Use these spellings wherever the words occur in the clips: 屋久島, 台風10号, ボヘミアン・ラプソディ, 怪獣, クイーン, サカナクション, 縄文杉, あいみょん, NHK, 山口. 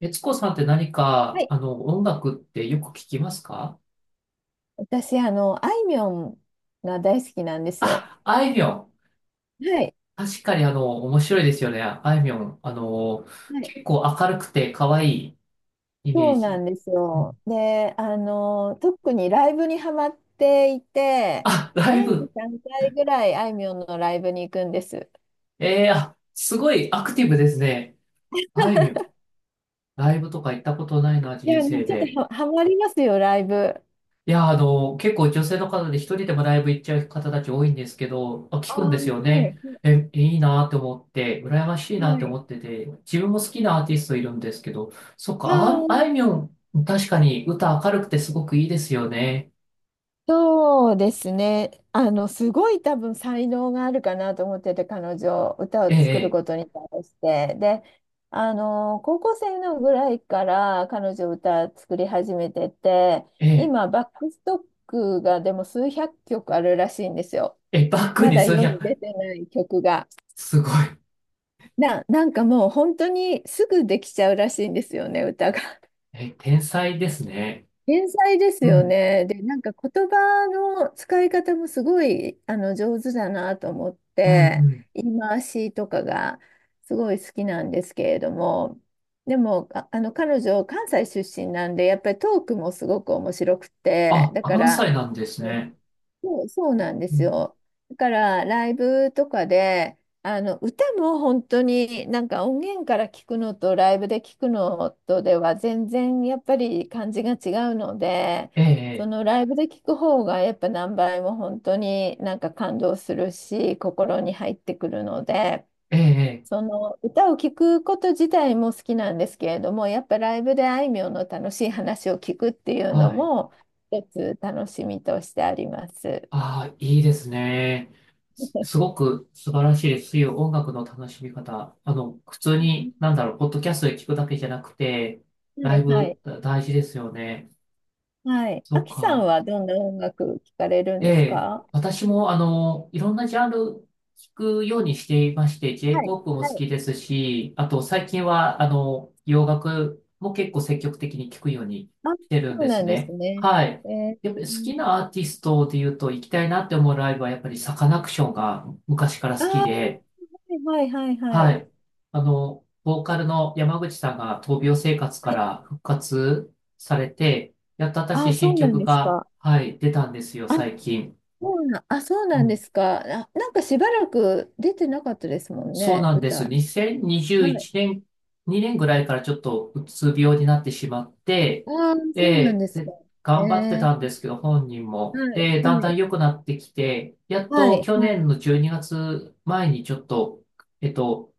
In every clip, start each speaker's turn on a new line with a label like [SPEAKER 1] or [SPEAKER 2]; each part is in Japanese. [SPEAKER 1] 悦子さんって何
[SPEAKER 2] は
[SPEAKER 1] か、
[SPEAKER 2] い。
[SPEAKER 1] 音楽ってよく聞きますか？
[SPEAKER 2] 私、あいみょんが大好きなんですよ。
[SPEAKER 1] あ、あいみょん。
[SPEAKER 2] はい。
[SPEAKER 1] 確かに面白いですよね。あいみょん。
[SPEAKER 2] はい。
[SPEAKER 1] 結構明るくて可愛いイメ
[SPEAKER 2] そ
[SPEAKER 1] ー
[SPEAKER 2] うな
[SPEAKER 1] ジ。
[SPEAKER 2] んです
[SPEAKER 1] う
[SPEAKER 2] よ。
[SPEAKER 1] ん。
[SPEAKER 2] で、特にライブにハマっていて、
[SPEAKER 1] あ、ライ
[SPEAKER 2] 年に
[SPEAKER 1] ブ。
[SPEAKER 2] 3回ぐらいあいみょんのライブに行くんです。
[SPEAKER 1] えー、あ、すごいアクティブですね。あいみょん。ライブとか行ったことないな、
[SPEAKER 2] い
[SPEAKER 1] 人
[SPEAKER 2] や、も
[SPEAKER 1] 生
[SPEAKER 2] うちょっと、
[SPEAKER 1] で。
[SPEAKER 2] ハマりますよ、ライブ。
[SPEAKER 1] いや、結構女性の方で一人でもライブ行っちゃう方たち多いんですけど、あ、聞
[SPEAKER 2] ああ、
[SPEAKER 1] くんで
[SPEAKER 2] は
[SPEAKER 1] すよね。
[SPEAKER 2] い。
[SPEAKER 1] え、いいなって思って、羨ましいな
[SPEAKER 2] は
[SPEAKER 1] って
[SPEAKER 2] い。
[SPEAKER 1] 思ってて、自分も好きなアーティストいるんですけど、そっ
[SPEAKER 2] あ
[SPEAKER 1] か、あ、
[SPEAKER 2] あ、
[SPEAKER 1] あいみょん、確かに歌明るくてすごくいいですよね。
[SPEAKER 2] そうですね。すごい多分才能があるかなと思ってて、彼女、歌
[SPEAKER 1] え
[SPEAKER 2] を作る
[SPEAKER 1] え、
[SPEAKER 2] ことに対して。で、高校生のぐらいから彼女歌作り始めてて、
[SPEAKER 1] ええ、
[SPEAKER 2] 今、バックストックがでも数百曲あるらしいんですよ。
[SPEAKER 1] ええ、バック
[SPEAKER 2] ま
[SPEAKER 1] に
[SPEAKER 2] だ
[SPEAKER 1] そう
[SPEAKER 2] 世
[SPEAKER 1] や、
[SPEAKER 2] に出てない曲が。
[SPEAKER 1] すごい。
[SPEAKER 2] なんかもう本当にすぐできちゃうらしいんですよね、歌が。
[SPEAKER 1] え、天才ですね。
[SPEAKER 2] 天才です
[SPEAKER 1] う
[SPEAKER 2] よ
[SPEAKER 1] ん、
[SPEAKER 2] ね。で、なんか言葉の使い方もすごい上手だなと思っ
[SPEAKER 1] うん、う
[SPEAKER 2] て、
[SPEAKER 1] ん。
[SPEAKER 2] 言い回しとかがすごい好きなんですけれども、でも、彼女、関西出身なんで、やっぱりトークもすごく面白くて、
[SPEAKER 1] あ、
[SPEAKER 2] だか
[SPEAKER 1] 関
[SPEAKER 2] ら、
[SPEAKER 1] 西なんですね。
[SPEAKER 2] そう、そうなんで
[SPEAKER 1] う
[SPEAKER 2] す
[SPEAKER 1] ん。
[SPEAKER 2] よ。だからライブとかであの歌も本当になんか音源から聞くのとライブで聞くのとでは全然やっぱり感じが違うので、
[SPEAKER 1] え
[SPEAKER 2] そ
[SPEAKER 1] え、
[SPEAKER 2] のライブで聞く方がやっぱ何倍も本当になんか感動するし、心に入ってくるので、
[SPEAKER 1] ええ、え
[SPEAKER 2] そ
[SPEAKER 1] え。
[SPEAKER 2] の歌を聞くこと自体も好きなんですけれども、やっぱライブであいみょんの楽しい話を聞くっていう
[SPEAKER 1] は
[SPEAKER 2] の
[SPEAKER 1] い。
[SPEAKER 2] も一つ楽しみとしてあります。
[SPEAKER 1] ああ、いいですね。す、すごく素晴らしいです。そういう音楽の楽しみ方。普通
[SPEAKER 2] は
[SPEAKER 1] に、なんだろう、ポッドキャストで聞くだけじゃなくて、ライ
[SPEAKER 2] い、は
[SPEAKER 1] ブ
[SPEAKER 2] い、
[SPEAKER 1] だ大事ですよね。
[SPEAKER 2] はい。
[SPEAKER 1] そ
[SPEAKER 2] あ
[SPEAKER 1] っ
[SPEAKER 2] きさん
[SPEAKER 1] か。
[SPEAKER 2] はどんな音楽聞かれるん
[SPEAKER 1] え
[SPEAKER 2] です
[SPEAKER 1] え、
[SPEAKER 2] か？
[SPEAKER 1] 私も、いろんなジャンル聞くようにしていまして、
[SPEAKER 2] はい、
[SPEAKER 1] J-POP も
[SPEAKER 2] は
[SPEAKER 1] 好
[SPEAKER 2] い。
[SPEAKER 1] きですし、あと最近は、洋楽も結構積極的に聞くように
[SPEAKER 2] あ、
[SPEAKER 1] してるん
[SPEAKER 2] そう
[SPEAKER 1] で
[SPEAKER 2] な
[SPEAKER 1] す
[SPEAKER 2] んです
[SPEAKER 1] ね。
[SPEAKER 2] ね。
[SPEAKER 1] はい。
[SPEAKER 2] えー、
[SPEAKER 1] やっぱり好きなアーティストで言うと、行きたいなって思うライブは、やっぱりサカナクションが昔から
[SPEAKER 2] あ
[SPEAKER 1] 好き
[SPEAKER 2] あ
[SPEAKER 1] で、
[SPEAKER 2] はい、はい、はい、は
[SPEAKER 1] は
[SPEAKER 2] い。
[SPEAKER 1] い。ボーカルの山口さんが闘病生活
[SPEAKER 2] は
[SPEAKER 1] か
[SPEAKER 2] い
[SPEAKER 1] ら復活されて、やっと私
[SPEAKER 2] あ、
[SPEAKER 1] 新
[SPEAKER 2] そうなん
[SPEAKER 1] 曲
[SPEAKER 2] です
[SPEAKER 1] が、
[SPEAKER 2] か。
[SPEAKER 1] はい、出たんですよ、
[SPEAKER 2] あ、
[SPEAKER 1] 最近。
[SPEAKER 2] あ、そうなんですか。あ、なんかしばらく出てなかったですもん
[SPEAKER 1] そう
[SPEAKER 2] ね、
[SPEAKER 1] なんです。
[SPEAKER 2] 歌。
[SPEAKER 1] 2021
[SPEAKER 2] はい。
[SPEAKER 1] 年、2年ぐらいからちょっとうつ病になってしまって、
[SPEAKER 2] ああ、そうなん
[SPEAKER 1] で、
[SPEAKER 2] です
[SPEAKER 1] で、
[SPEAKER 2] か。
[SPEAKER 1] 頑張って
[SPEAKER 2] えー、
[SPEAKER 1] たんですけど、本人も。
[SPEAKER 2] はい、
[SPEAKER 1] で、だんだ
[SPEAKER 2] は
[SPEAKER 1] ん
[SPEAKER 2] い、
[SPEAKER 1] 良くなってきて、やっ
[SPEAKER 2] はい、
[SPEAKER 1] と去
[SPEAKER 2] は
[SPEAKER 1] 年の12月前にがつまえにちょっと、えっと、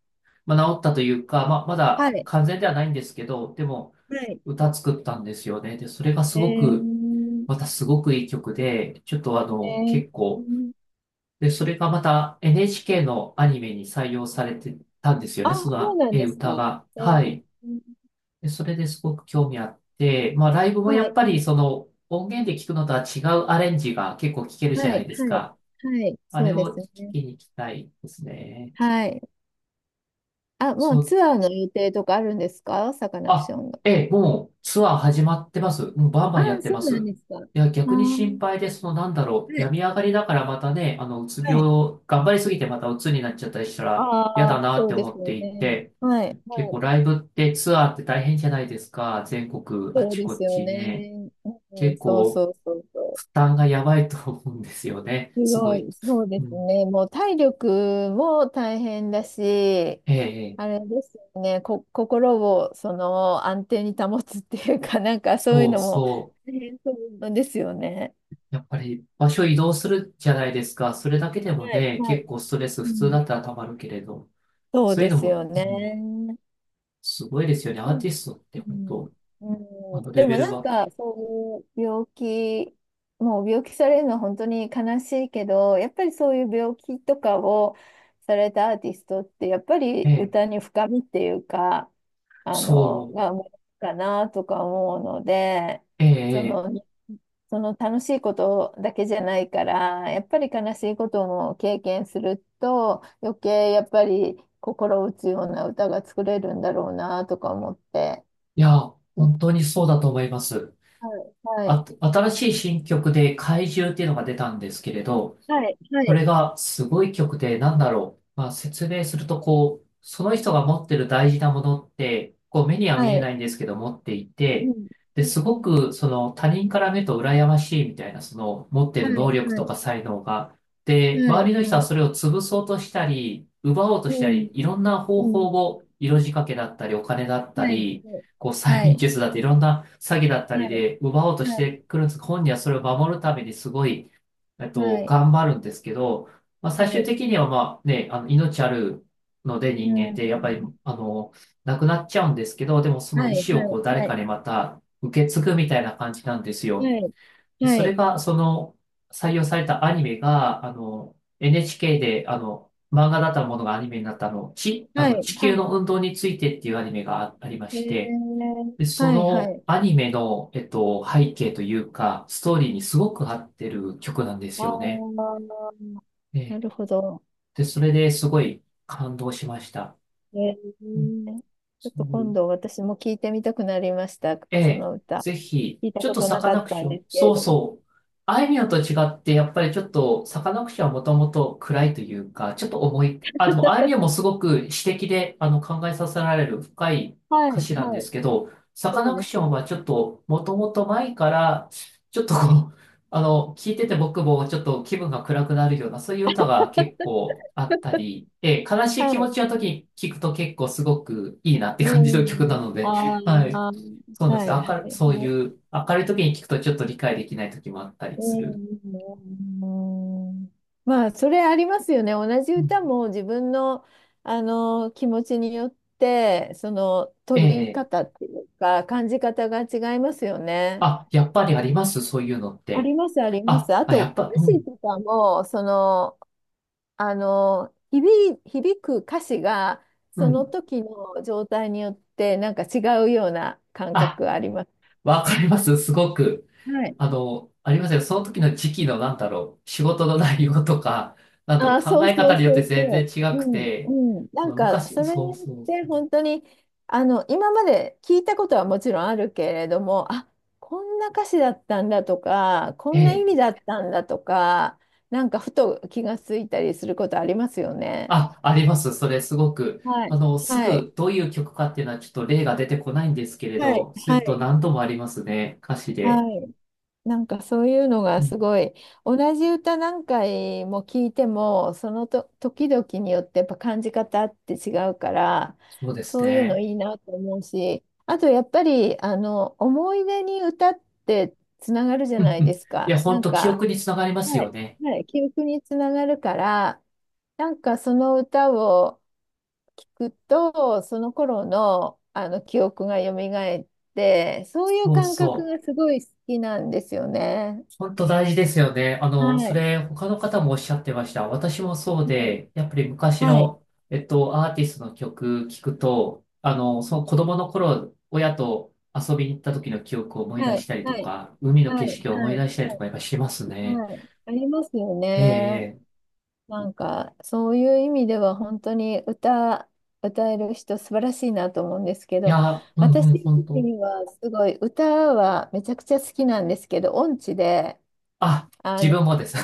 [SPEAKER 1] まあ、治ったというか、まあ、ま
[SPEAKER 2] い、
[SPEAKER 1] だ
[SPEAKER 2] はい。
[SPEAKER 1] 完全ではないんですけど、でも、
[SPEAKER 2] はい
[SPEAKER 1] 歌作ったんですよね。で、それがす
[SPEAKER 2] え
[SPEAKER 1] ごく、
[SPEAKER 2] ー、
[SPEAKER 1] またすごくいい曲で、ちょっと
[SPEAKER 2] え
[SPEAKER 1] 結構、
[SPEAKER 2] ー
[SPEAKER 1] で、それがまた NHK のアニメに採用されてたんですよね、
[SPEAKER 2] あ、
[SPEAKER 1] そ
[SPEAKER 2] そう
[SPEAKER 1] の、
[SPEAKER 2] なんです
[SPEAKER 1] 歌
[SPEAKER 2] か。
[SPEAKER 1] が。
[SPEAKER 2] え
[SPEAKER 1] は
[SPEAKER 2] ー、
[SPEAKER 1] い。で、それですごく興味あって、まあ、ライブもや
[SPEAKER 2] は
[SPEAKER 1] っ
[SPEAKER 2] い、
[SPEAKER 1] ぱりその音源で聞くのとは違うアレンジが結構聞けるじゃ
[SPEAKER 2] は
[SPEAKER 1] な
[SPEAKER 2] い、
[SPEAKER 1] いです
[SPEAKER 2] はい、
[SPEAKER 1] か。
[SPEAKER 2] はい、
[SPEAKER 1] あ
[SPEAKER 2] そ
[SPEAKER 1] れ
[SPEAKER 2] うで
[SPEAKER 1] を
[SPEAKER 2] す
[SPEAKER 1] 聞
[SPEAKER 2] ね。
[SPEAKER 1] きに行きたいですね。
[SPEAKER 2] はい。あ、も
[SPEAKER 1] そ
[SPEAKER 2] う
[SPEAKER 1] う、
[SPEAKER 2] ツアーの予定とかあるんですかサカナクシ
[SPEAKER 1] あ、
[SPEAKER 2] ョンの？
[SPEAKER 1] えー、もうツアー始まってます。もうバンバ
[SPEAKER 2] あ
[SPEAKER 1] ンやっ
[SPEAKER 2] あ、
[SPEAKER 1] て
[SPEAKER 2] そ
[SPEAKER 1] ま
[SPEAKER 2] うなん
[SPEAKER 1] す。
[SPEAKER 2] ですか。あ
[SPEAKER 1] いや、逆に
[SPEAKER 2] あ、
[SPEAKER 1] 心配で、その、なんだろ
[SPEAKER 2] は
[SPEAKER 1] う、
[SPEAKER 2] い、
[SPEAKER 1] 病み上がりだからまたね、うつ
[SPEAKER 2] はい。
[SPEAKER 1] 病、頑張りすぎてまたうつになっちゃったりしたら嫌
[SPEAKER 2] ああ、
[SPEAKER 1] だなっ
[SPEAKER 2] そ
[SPEAKER 1] て
[SPEAKER 2] うで
[SPEAKER 1] 思
[SPEAKER 2] す
[SPEAKER 1] っ
[SPEAKER 2] よ
[SPEAKER 1] てい
[SPEAKER 2] ね。
[SPEAKER 1] て、
[SPEAKER 2] はい、
[SPEAKER 1] 結
[SPEAKER 2] は
[SPEAKER 1] 構
[SPEAKER 2] い。
[SPEAKER 1] ライブってツアーって大変じゃないですか。全国あ
[SPEAKER 2] そう
[SPEAKER 1] ち
[SPEAKER 2] で
[SPEAKER 1] こ
[SPEAKER 2] すよ
[SPEAKER 1] ちね。
[SPEAKER 2] ね。うん、
[SPEAKER 1] 結
[SPEAKER 2] そう
[SPEAKER 1] 構
[SPEAKER 2] そうそうそ
[SPEAKER 1] 負
[SPEAKER 2] う。
[SPEAKER 1] 担がやばいと思うんですよね。
[SPEAKER 2] す
[SPEAKER 1] す
[SPEAKER 2] ご
[SPEAKER 1] ごい。
[SPEAKER 2] い、そうで
[SPEAKER 1] う
[SPEAKER 2] す
[SPEAKER 1] ん。
[SPEAKER 2] ね。もう体力も大変だし、
[SPEAKER 1] ええ、え
[SPEAKER 2] あ
[SPEAKER 1] え。
[SPEAKER 2] れですよね、心をその安定に保つっていうか、なんかそういう
[SPEAKER 1] そう
[SPEAKER 2] のも
[SPEAKER 1] そ
[SPEAKER 2] 大変そうですよね。
[SPEAKER 1] う。やっぱり場所移動するじゃないですか。それだけで
[SPEAKER 2] は
[SPEAKER 1] も
[SPEAKER 2] い、
[SPEAKER 1] ね、
[SPEAKER 2] はい。
[SPEAKER 1] 結構ストレス
[SPEAKER 2] う
[SPEAKER 1] 普通
[SPEAKER 2] ん、
[SPEAKER 1] だったらたまるけれど。
[SPEAKER 2] そう
[SPEAKER 1] そうい
[SPEAKER 2] で
[SPEAKER 1] うの
[SPEAKER 2] す
[SPEAKER 1] も、
[SPEAKER 2] よ
[SPEAKER 1] うん、
[SPEAKER 2] ね。
[SPEAKER 1] すごいですよね。ア
[SPEAKER 2] な
[SPEAKER 1] ー
[SPEAKER 2] ん
[SPEAKER 1] ティストって
[SPEAKER 2] う
[SPEAKER 1] 本
[SPEAKER 2] ん、
[SPEAKER 1] 当、あ
[SPEAKER 2] うん
[SPEAKER 1] のレ
[SPEAKER 2] で
[SPEAKER 1] ベ
[SPEAKER 2] も
[SPEAKER 1] ル
[SPEAKER 2] なん
[SPEAKER 1] は。
[SPEAKER 2] かそういう病気、もう病気されるのは本当に悲しいけど、やっぱりそういう病気とかをされたアーティストって、やっぱ
[SPEAKER 1] え
[SPEAKER 2] り
[SPEAKER 1] え、
[SPEAKER 2] 歌に深みっていうか、
[SPEAKER 1] そう。
[SPEAKER 2] が生まれるかなとか思うので、
[SPEAKER 1] え
[SPEAKER 2] そ
[SPEAKER 1] え、え
[SPEAKER 2] の、
[SPEAKER 1] え。
[SPEAKER 2] その楽しいことだけじゃないから、やっぱり悲しいことも経験すると、余計やっぱり心打つような歌が作れるんだろうなとか思って。
[SPEAKER 1] いや、
[SPEAKER 2] はい
[SPEAKER 1] 本当にそうだと思います。
[SPEAKER 2] はい。
[SPEAKER 1] あ、新しい新曲で怪獣っていうのが出たんですけれど、
[SPEAKER 2] はい、は
[SPEAKER 1] こ
[SPEAKER 2] い、
[SPEAKER 1] れがすごい曲で、なんだろう。まあ、説明すると、こう、その人が持ってる大事なものって、こう、目には見
[SPEAKER 2] は
[SPEAKER 1] えな
[SPEAKER 2] い。
[SPEAKER 1] いんですけど、持ってい
[SPEAKER 2] う
[SPEAKER 1] て、
[SPEAKER 2] ん、
[SPEAKER 1] で、
[SPEAKER 2] う
[SPEAKER 1] すご
[SPEAKER 2] ん、
[SPEAKER 1] く、その、他人から見ると羨ましいみたいな、その、持って
[SPEAKER 2] は
[SPEAKER 1] る
[SPEAKER 2] い、
[SPEAKER 1] 能力と
[SPEAKER 2] はい、
[SPEAKER 1] か才能が。で、
[SPEAKER 2] はい、
[SPEAKER 1] 周りの人は
[SPEAKER 2] はい、
[SPEAKER 1] それを潰そうとしたり、奪おうと
[SPEAKER 2] う
[SPEAKER 1] したり、
[SPEAKER 2] ん、
[SPEAKER 1] いろんな方
[SPEAKER 2] う
[SPEAKER 1] 法
[SPEAKER 2] ん、
[SPEAKER 1] を、色仕掛けだったり、お金だった
[SPEAKER 2] はい、
[SPEAKER 1] り、
[SPEAKER 2] はい。
[SPEAKER 1] こう、催
[SPEAKER 2] は
[SPEAKER 1] 眠
[SPEAKER 2] い、
[SPEAKER 1] 術だって、いろんな詐欺だったりで奪おうとし
[SPEAKER 2] はい、
[SPEAKER 1] てくるんです。本人はそれを守るためにすごい、
[SPEAKER 2] はい、はい、
[SPEAKER 1] 頑張るんですけど、まあ、最
[SPEAKER 2] は
[SPEAKER 1] 終
[SPEAKER 2] い、
[SPEAKER 1] 的にはまあね、命あるので
[SPEAKER 2] う
[SPEAKER 1] 人間ってやっぱり、
[SPEAKER 2] ん、
[SPEAKER 1] 亡くなっちゃうんですけど、でもその
[SPEAKER 2] は
[SPEAKER 1] 意
[SPEAKER 2] い、はい、
[SPEAKER 1] 思をこう誰
[SPEAKER 2] は
[SPEAKER 1] か
[SPEAKER 2] い、
[SPEAKER 1] にまた受け継ぐみたいな感じなんですよ。
[SPEAKER 2] はい、
[SPEAKER 1] で
[SPEAKER 2] は
[SPEAKER 1] それ
[SPEAKER 2] い、
[SPEAKER 1] が、その、採用されたアニメが、NHK で、漫画だったものがアニメになったあの、ち、あ
[SPEAKER 2] は
[SPEAKER 1] の、
[SPEAKER 2] い、
[SPEAKER 1] 地
[SPEAKER 2] は
[SPEAKER 1] 球
[SPEAKER 2] い、
[SPEAKER 1] の運動についてっていうアニメがあありま
[SPEAKER 2] え
[SPEAKER 1] して、
[SPEAKER 2] ー、
[SPEAKER 1] で、そ
[SPEAKER 2] はい、は
[SPEAKER 1] の
[SPEAKER 2] い、
[SPEAKER 1] アニメの、背景というか、ストーリーにすごく合ってる曲なんで
[SPEAKER 2] あ
[SPEAKER 1] すよね。
[SPEAKER 2] ー、
[SPEAKER 1] え
[SPEAKER 2] な
[SPEAKER 1] え。
[SPEAKER 2] るほど。
[SPEAKER 1] で、それですごい感動しました。
[SPEAKER 2] え
[SPEAKER 1] うん。
[SPEAKER 2] ー、ちょっ
[SPEAKER 1] そ
[SPEAKER 2] と今
[SPEAKER 1] う。
[SPEAKER 2] 度私も聞いてみたくなりました。
[SPEAKER 1] え
[SPEAKER 2] そ
[SPEAKER 1] え、
[SPEAKER 2] の歌。
[SPEAKER 1] ぜひ、
[SPEAKER 2] 聞いた
[SPEAKER 1] ちょっ
[SPEAKER 2] こ
[SPEAKER 1] と
[SPEAKER 2] と
[SPEAKER 1] サ
[SPEAKER 2] な
[SPEAKER 1] カ
[SPEAKER 2] か
[SPEAKER 1] ナ
[SPEAKER 2] っ
[SPEAKER 1] ク
[SPEAKER 2] た
[SPEAKER 1] シ
[SPEAKER 2] ん
[SPEAKER 1] ョ
[SPEAKER 2] で
[SPEAKER 1] ン、
[SPEAKER 2] すけ
[SPEAKER 1] そ
[SPEAKER 2] れ
[SPEAKER 1] う
[SPEAKER 2] ども。
[SPEAKER 1] そう。あいみょんと違って、やっぱりちょっと、サカナクションはもともと暗いというか、ちょっと重い。あ、でも、あいみょんもすごく詩的で、考えさせられる深い
[SPEAKER 2] は
[SPEAKER 1] 歌
[SPEAKER 2] い、
[SPEAKER 1] 詞なんで
[SPEAKER 2] は
[SPEAKER 1] す
[SPEAKER 2] い。
[SPEAKER 1] けど、サカ
[SPEAKER 2] そう
[SPEAKER 1] ナク
[SPEAKER 2] で
[SPEAKER 1] シ
[SPEAKER 2] す
[SPEAKER 1] ョ
[SPEAKER 2] ね。
[SPEAKER 1] ンはちょっと、もともと前から、ちょっとこう、聞いてて僕もちょっと気分が暗くなるような、そういう歌が結構あったり、ええ、悲しい
[SPEAKER 2] は
[SPEAKER 1] 気持
[SPEAKER 2] い。
[SPEAKER 1] ちの時に聞くと結構すごくいいなっ
[SPEAKER 2] う
[SPEAKER 1] て感じの曲な
[SPEAKER 2] ん。
[SPEAKER 1] の
[SPEAKER 2] あ
[SPEAKER 1] で、はい。
[SPEAKER 2] あ、は
[SPEAKER 1] そうなんです
[SPEAKER 2] い
[SPEAKER 1] よ。
[SPEAKER 2] は
[SPEAKER 1] 明る、
[SPEAKER 2] い
[SPEAKER 1] そう
[SPEAKER 2] はい。
[SPEAKER 1] いう、明るい時に聞くとちょっと理解できない時もあったりする。
[SPEAKER 2] うん。まあ、それありますよね。同じ
[SPEAKER 1] うん。
[SPEAKER 2] 歌も自分の、あの気持ちによって、その
[SPEAKER 1] え
[SPEAKER 2] 取り
[SPEAKER 1] え。
[SPEAKER 2] 方っていうか、感じ方が違いますよね。
[SPEAKER 1] あ、やっぱりありますそういうのっ
[SPEAKER 2] あ
[SPEAKER 1] て。
[SPEAKER 2] りますありま
[SPEAKER 1] あ、
[SPEAKER 2] す。あ
[SPEAKER 1] あ、やっ
[SPEAKER 2] と、
[SPEAKER 1] ぱ、
[SPEAKER 2] 歌
[SPEAKER 1] う
[SPEAKER 2] 詞
[SPEAKER 1] ん、
[SPEAKER 2] とかも、響く歌詞が、
[SPEAKER 1] う
[SPEAKER 2] その
[SPEAKER 1] ん。
[SPEAKER 2] 時の状態によって、なんか違うような感
[SPEAKER 1] あ、
[SPEAKER 2] 覚あります。
[SPEAKER 1] わかります。すごく。
[SPEAKER 2] はい。
[SPEAKER 1] ありますよ。その時の時期の、なんだろう、仕事の内容とか、なんだろう、
[SPEAKER 2] あー、
[SPEAKER 1] 考
[SPEAKER 2] そう
[SPEAKER 1] え
[SPEAKER 2] そう
[SPEAKER 1] 方によっ
[SPEAKER 2] そ
[SPEAKER 1] て
[SPEAKER 2] う
[SPEAKER 1] 全然
[SPEAKER 2] そう。
[SPEAKER 1] 違く
[SPEAKER 2] うん、
[SPEAKER 1] て、
[SPEAKER 2] うん。なんか、
[SPEAKER 1] 昔、
[SPEAKER 2] それ
[SPEAKER 1] そ
[SPEAKER 2] に
[SPEAKER 1] う
[SPEAKER 2] よっ
[SPEAKER 1] そう
[SPEAKER 2] て、
[SPEAKER 1] そう。
[SPEAKER 2] 本当に、今まで聞いたことはもちろんあるけれども、あ、こんな歌詞だったんだとか、こんな意
[SPEAKER 1] え
[SPEAKER 2] 味
[SPEAKER 1] え。
[SPEAKER 2] だったんだとか、なんか、ふと気がついたりすることありますよね。
[SPEAKER 1] あ、あります。それすごく。
[SPEAKER 2] はい。
[SPEAKER 1] す
[SPEAKER 2] はい。
[SPEAKER 1] ぐどういう曲かっていうのはちょっと例が出てこないんですけれ
[SPEAKER 2] はい。
[SPEAKER 1] ど、そうい
[SPEAKER 2] は
[SPEAKER 1] うこと
[SPEAKER 2] い。
[SPEAKER 1] 何度もありますね。歌詞
[SPEAKER 2] は
[SPEAKER 1] で。
[SPEAKER 2] い。はいなんかそういうのが
[SPEAKER 1] う
[SPEAKER 2] す
[SPEAKER 1] ん、
[SPEAKER 2] ごい同じ歌何回も聞いても、そのと時々によってやっぱ感じ方って違うから、
[SPEAKER 1] そうです
[SPEAKER 2] そういうの
[SPEAKER 1] ね。
[SPEAKER 2] いいなと思うし、あとやっぱり思い出に歌ってつながるじゃ
[SPEAKER 1] うん、
[SPEAKER 2] ない
[SPEAKER 1] うん。
[SPEAKER 2] で
[SPEAKER 1] い
[SPEAKER 2] すか、
[SPEAKER 1] や、
[SPEAKER 2] な
[SPEAKER 1] 本
[SPEAKER 2] ん
[SPEAKER 1] 当記
[SPEAKER 2] か、
[SPEAKER 1] 憶につながります
[SPEAKER 2] は
[SPEAKER 1] よ
[SPEAKER 2] い
[SPEAKER 1] ね。
[SPEAKER 2] はい、記憶につながるから、なんかその歌を聞くと、その頃のあの記憶が蘇って、そういう
[SPEAKER 1] そう
[SPEAKER 2] 感覚
[SPEAKER 1] そ
[SPEAKER 2] が
[SPEAKER 1] う。
[SPEAKER 2] すごい好きなんですよね。
[SPEAKER 1] 本当大事ですよね。
[SPEAKER 2] は
[SPEAKER 1] そ
[SPEAKER 2] い、
[SPEAKER 1] れ他の方もおっしゃってました。私もそう
[SPEAKER 2] はい、
[SPEAKER 1] で、やっぱり昔
[SPEAKER 2] はい、
[SPEAKER 1] の、アーティストの曲聞くと、その子供の頃、親と遊びに行った時の記憶を思い
[SPEAKER 2] は
[SPEAKER 1] 出し
[SPEAKER 2] い、
[SPEAKER 1] たりと
[SPEAKER 2] はい、
[SPEAKER 1] か、海の
[SPEAKER 2] は
[SPEAKER 1] 景
[SPEAKER 2] い、は
[SPEAKER 1] 色を思
[SPEAKER 2] い、
[SPEAKER 1] い出したりと
[SPEAKER 2] はい
[SPEAKER 1] かやっぱしますね。
[SPEAKER 2] はいありますよ
[SPEAKER 1] ええ、
[SPEAKER 2] ね。
[SPEAKER 1] ええ。
[SPEAKER 2] なんか、そういう意味では本当に歌える人素晴らしいなと思うんですけ
[SPEAKER 1] い
[SPEAKER 2] ど、
[SPEAKER 1] や、うん
[SPEAKER 2] 私
[SPEAKER 1] うん、
[SPEAKER 2] 自
[SPEAKER 1] 本当。
[SPEAKER 2] 身はすごい歌はめちゃくちゃ好きなんですけど、音痴で、
[SPEAKER 1] あ、
[SPEAKER 2] あ
[SPEAKER 1] 自
[SPEAKER 2] の、
[SPEAKER 1] 分もです。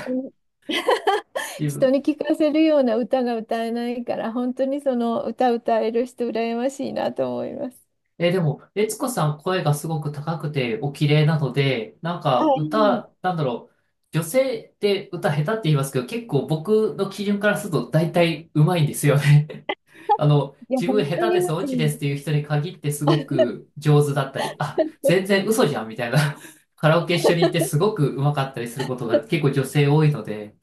[SPEAKER 1] 自
[SPEAKER 2] 人
[SPEAKER 1] 分。
[SPEAKER 2] に聞かせるような歌が歌えないから、本当にその歌歌える人羨ましいなと思います。
[SPEAKER 1] え、でも、悦子さん声がすごく高くてお綺麗なので、なん
[SPEAKER 2] あ、
[SPEAKER 1] か
[SPEAKER 2] いい
[SPEAKER 1] 歌、なんだろう、女性って歌下手って言いますけど、結構僕の基準からすると大体上手いんですよね。
[SPEAKER 2] いや、
[SPEAKER 1] 自分
[SPEAKER 2] 本
[SPEAKER 1] 下
[SPEAKER 2] 当
[SPEAKER 1] 手
[SPEAKER 2] に
[SPEAKER 1] です、
[SPEAKER 2] マ
[SPEAKER 1] オ
[SPEAKER 2] ジ
[SPEAKER 1] チ
[SPEAKER 2] な
[SPEAKER 1] で
[SPEAKER 2] ん
[SPEAKER 1] す
[SPEAKER 2] で
[SPEAKER 1] っていう人に限ってすごく上手だったり、あ、
[SPEAKER 2] す。
[SPEAKER 1] 全然嘘じゃんみたいな。カラオケ一緒に行ってすごく上手かったりすることが結構女性多いので、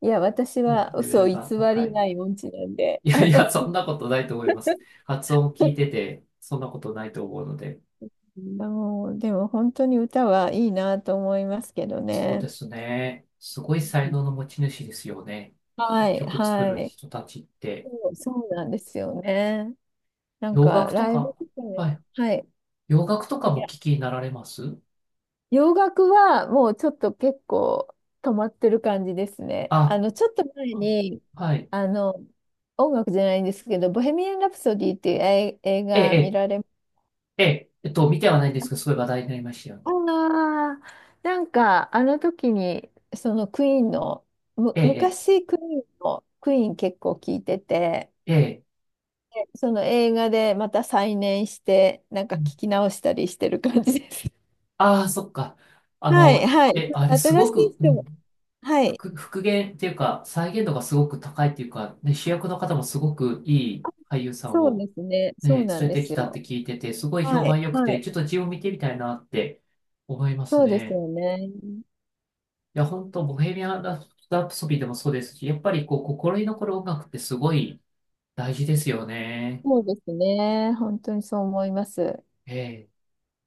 [SPEAKER 2] いや、私は
[SPEAKER 1] レベ
[SPEAKER 2] 嘘を
[SPEAKER 1] ル
[SPEAKER 2] 偽
[SPEAKER 1] が高
[SPEAKER 2] り
[SPEAKER 1] い。
[SPEAKER 2] ない音痴なんで、
[SPEAKER 1] いやいや、そんなことないと思います。発音聞いてて、そんなことないと思うので。
[SPEAKER 2] もう、でも本当に歌はいいなと思いますけど
[SPEAKER 1] そうで
[SPEAKER 2] ね。
[SPEAKER 1] すね。すごい才能の持ち主ですよね。
[SPEAKER 2] はい、
[SPEAKER 1] 曲作
[SPEAKER 2] は
[SPEAKER 1] る
[SPEAKER 2] い。
[SPEAKER 1] 人たちって。
[SPEAKER 2] そうそうなんですよね。なん
[SPEAKER 1] 洋
[SPEAKER 2] か、
[SPEAKER 1] 楽と
[SPEAKER 2] ライブ
[SPEAKER 1] か、
[SPEAKER 2] とかね、
[SPEAKER 1] はい。
[SPEAKER 2] はい。
[SPEAKER 1] 洋楽とか
[SPEAKER 2] い
[SPEAKER 1] も
[SPEAKER 2] や
[SPEAKER 1] 聞きになられます？
[SPEAKER 2] 洋楽はもうちょっと結構止まってる感じですね。
[SPEAKER 1] あ、
[SPEAKER 2] ちょっと前
[SPEAKER 1] うん、
[SPEAKER 2] に、
[SPEAKER 1] はい。
[SPEAKER 2] あの、音楽じゃないんですけど、ボヘミアン・ラプソディっていう映
[SPEAKER 1] ええ、
[SPEAKER 2] 画見られ？
[SPEAKER 1] ええ、ええ、見てはないんですけど、すごい話題になりましたよね。
[SPEAKER 2] ああ、なんか、あの時に、そのクイーンの、む、
[SPEAKER 1] ええ、
[SPEAKER 2] 昔クイーンの、クイーン結構聞いてて、
[SPEAKER 1] ええ、ええ。
[SPEAKER 2] でその映画でまた再燃して、なんか聞き直したりしてる感じです。
[SPEAKER 1] ああー、そっか。
[SPEAKER 2] はい、はい。
[SPEAKER 1] え、あれす
[SPEAKER 2] 新し
[SPEAKER 1] ご
[SPEAKER 2] い
[SPEAKER 1] く、う
[SPEAKER 2] 人
[SPEAKER 1] ん、
[SPEAKER 2] も、はい。
[SPEAKER 1] 復元っていうか、再現度がすごく高いっていうか、ね、主役の方もすごくいい俳優さん
[SPEAKER 2] そうで
[SPEAKER 1] を、
[SPEAKER 2] すね。
[SPEAKER 1] ね、
[SPEAKER 2] そう
[SPEAKER 1] 連
[SPEAKER 2] なん
[SPEAKER 1] れ
[SPEAKER 2] で
[SPEAKER 1] てき
[SPEAKER 2] す
[SPEAKER 1] たって
[SPEAKER 2] よ。
[SPEAKER 1] 聞いてて、すごい評
[SPEAKER 2] はい、
[SPEAKER 1] 判良く
[SPEAKER 2] は
[SPEAKER 1] て、
[SPEAKER 2] い。
[SPEAKER 1] ちょっと字を見てみたいなって思います
[SPEAKER 2] そうです
[SPEAKER 1] ね。
[SPEAKER 2] よね。
[SPEAKER 1] いや、本当ボヘミアン・ラプソディでもそうですし、やっぱりこう、心に残る音楽ってすごい大事ですよね。
[SPEAKER 2] そうですね。本当にそう思います。
[SPEAKER 1] ええ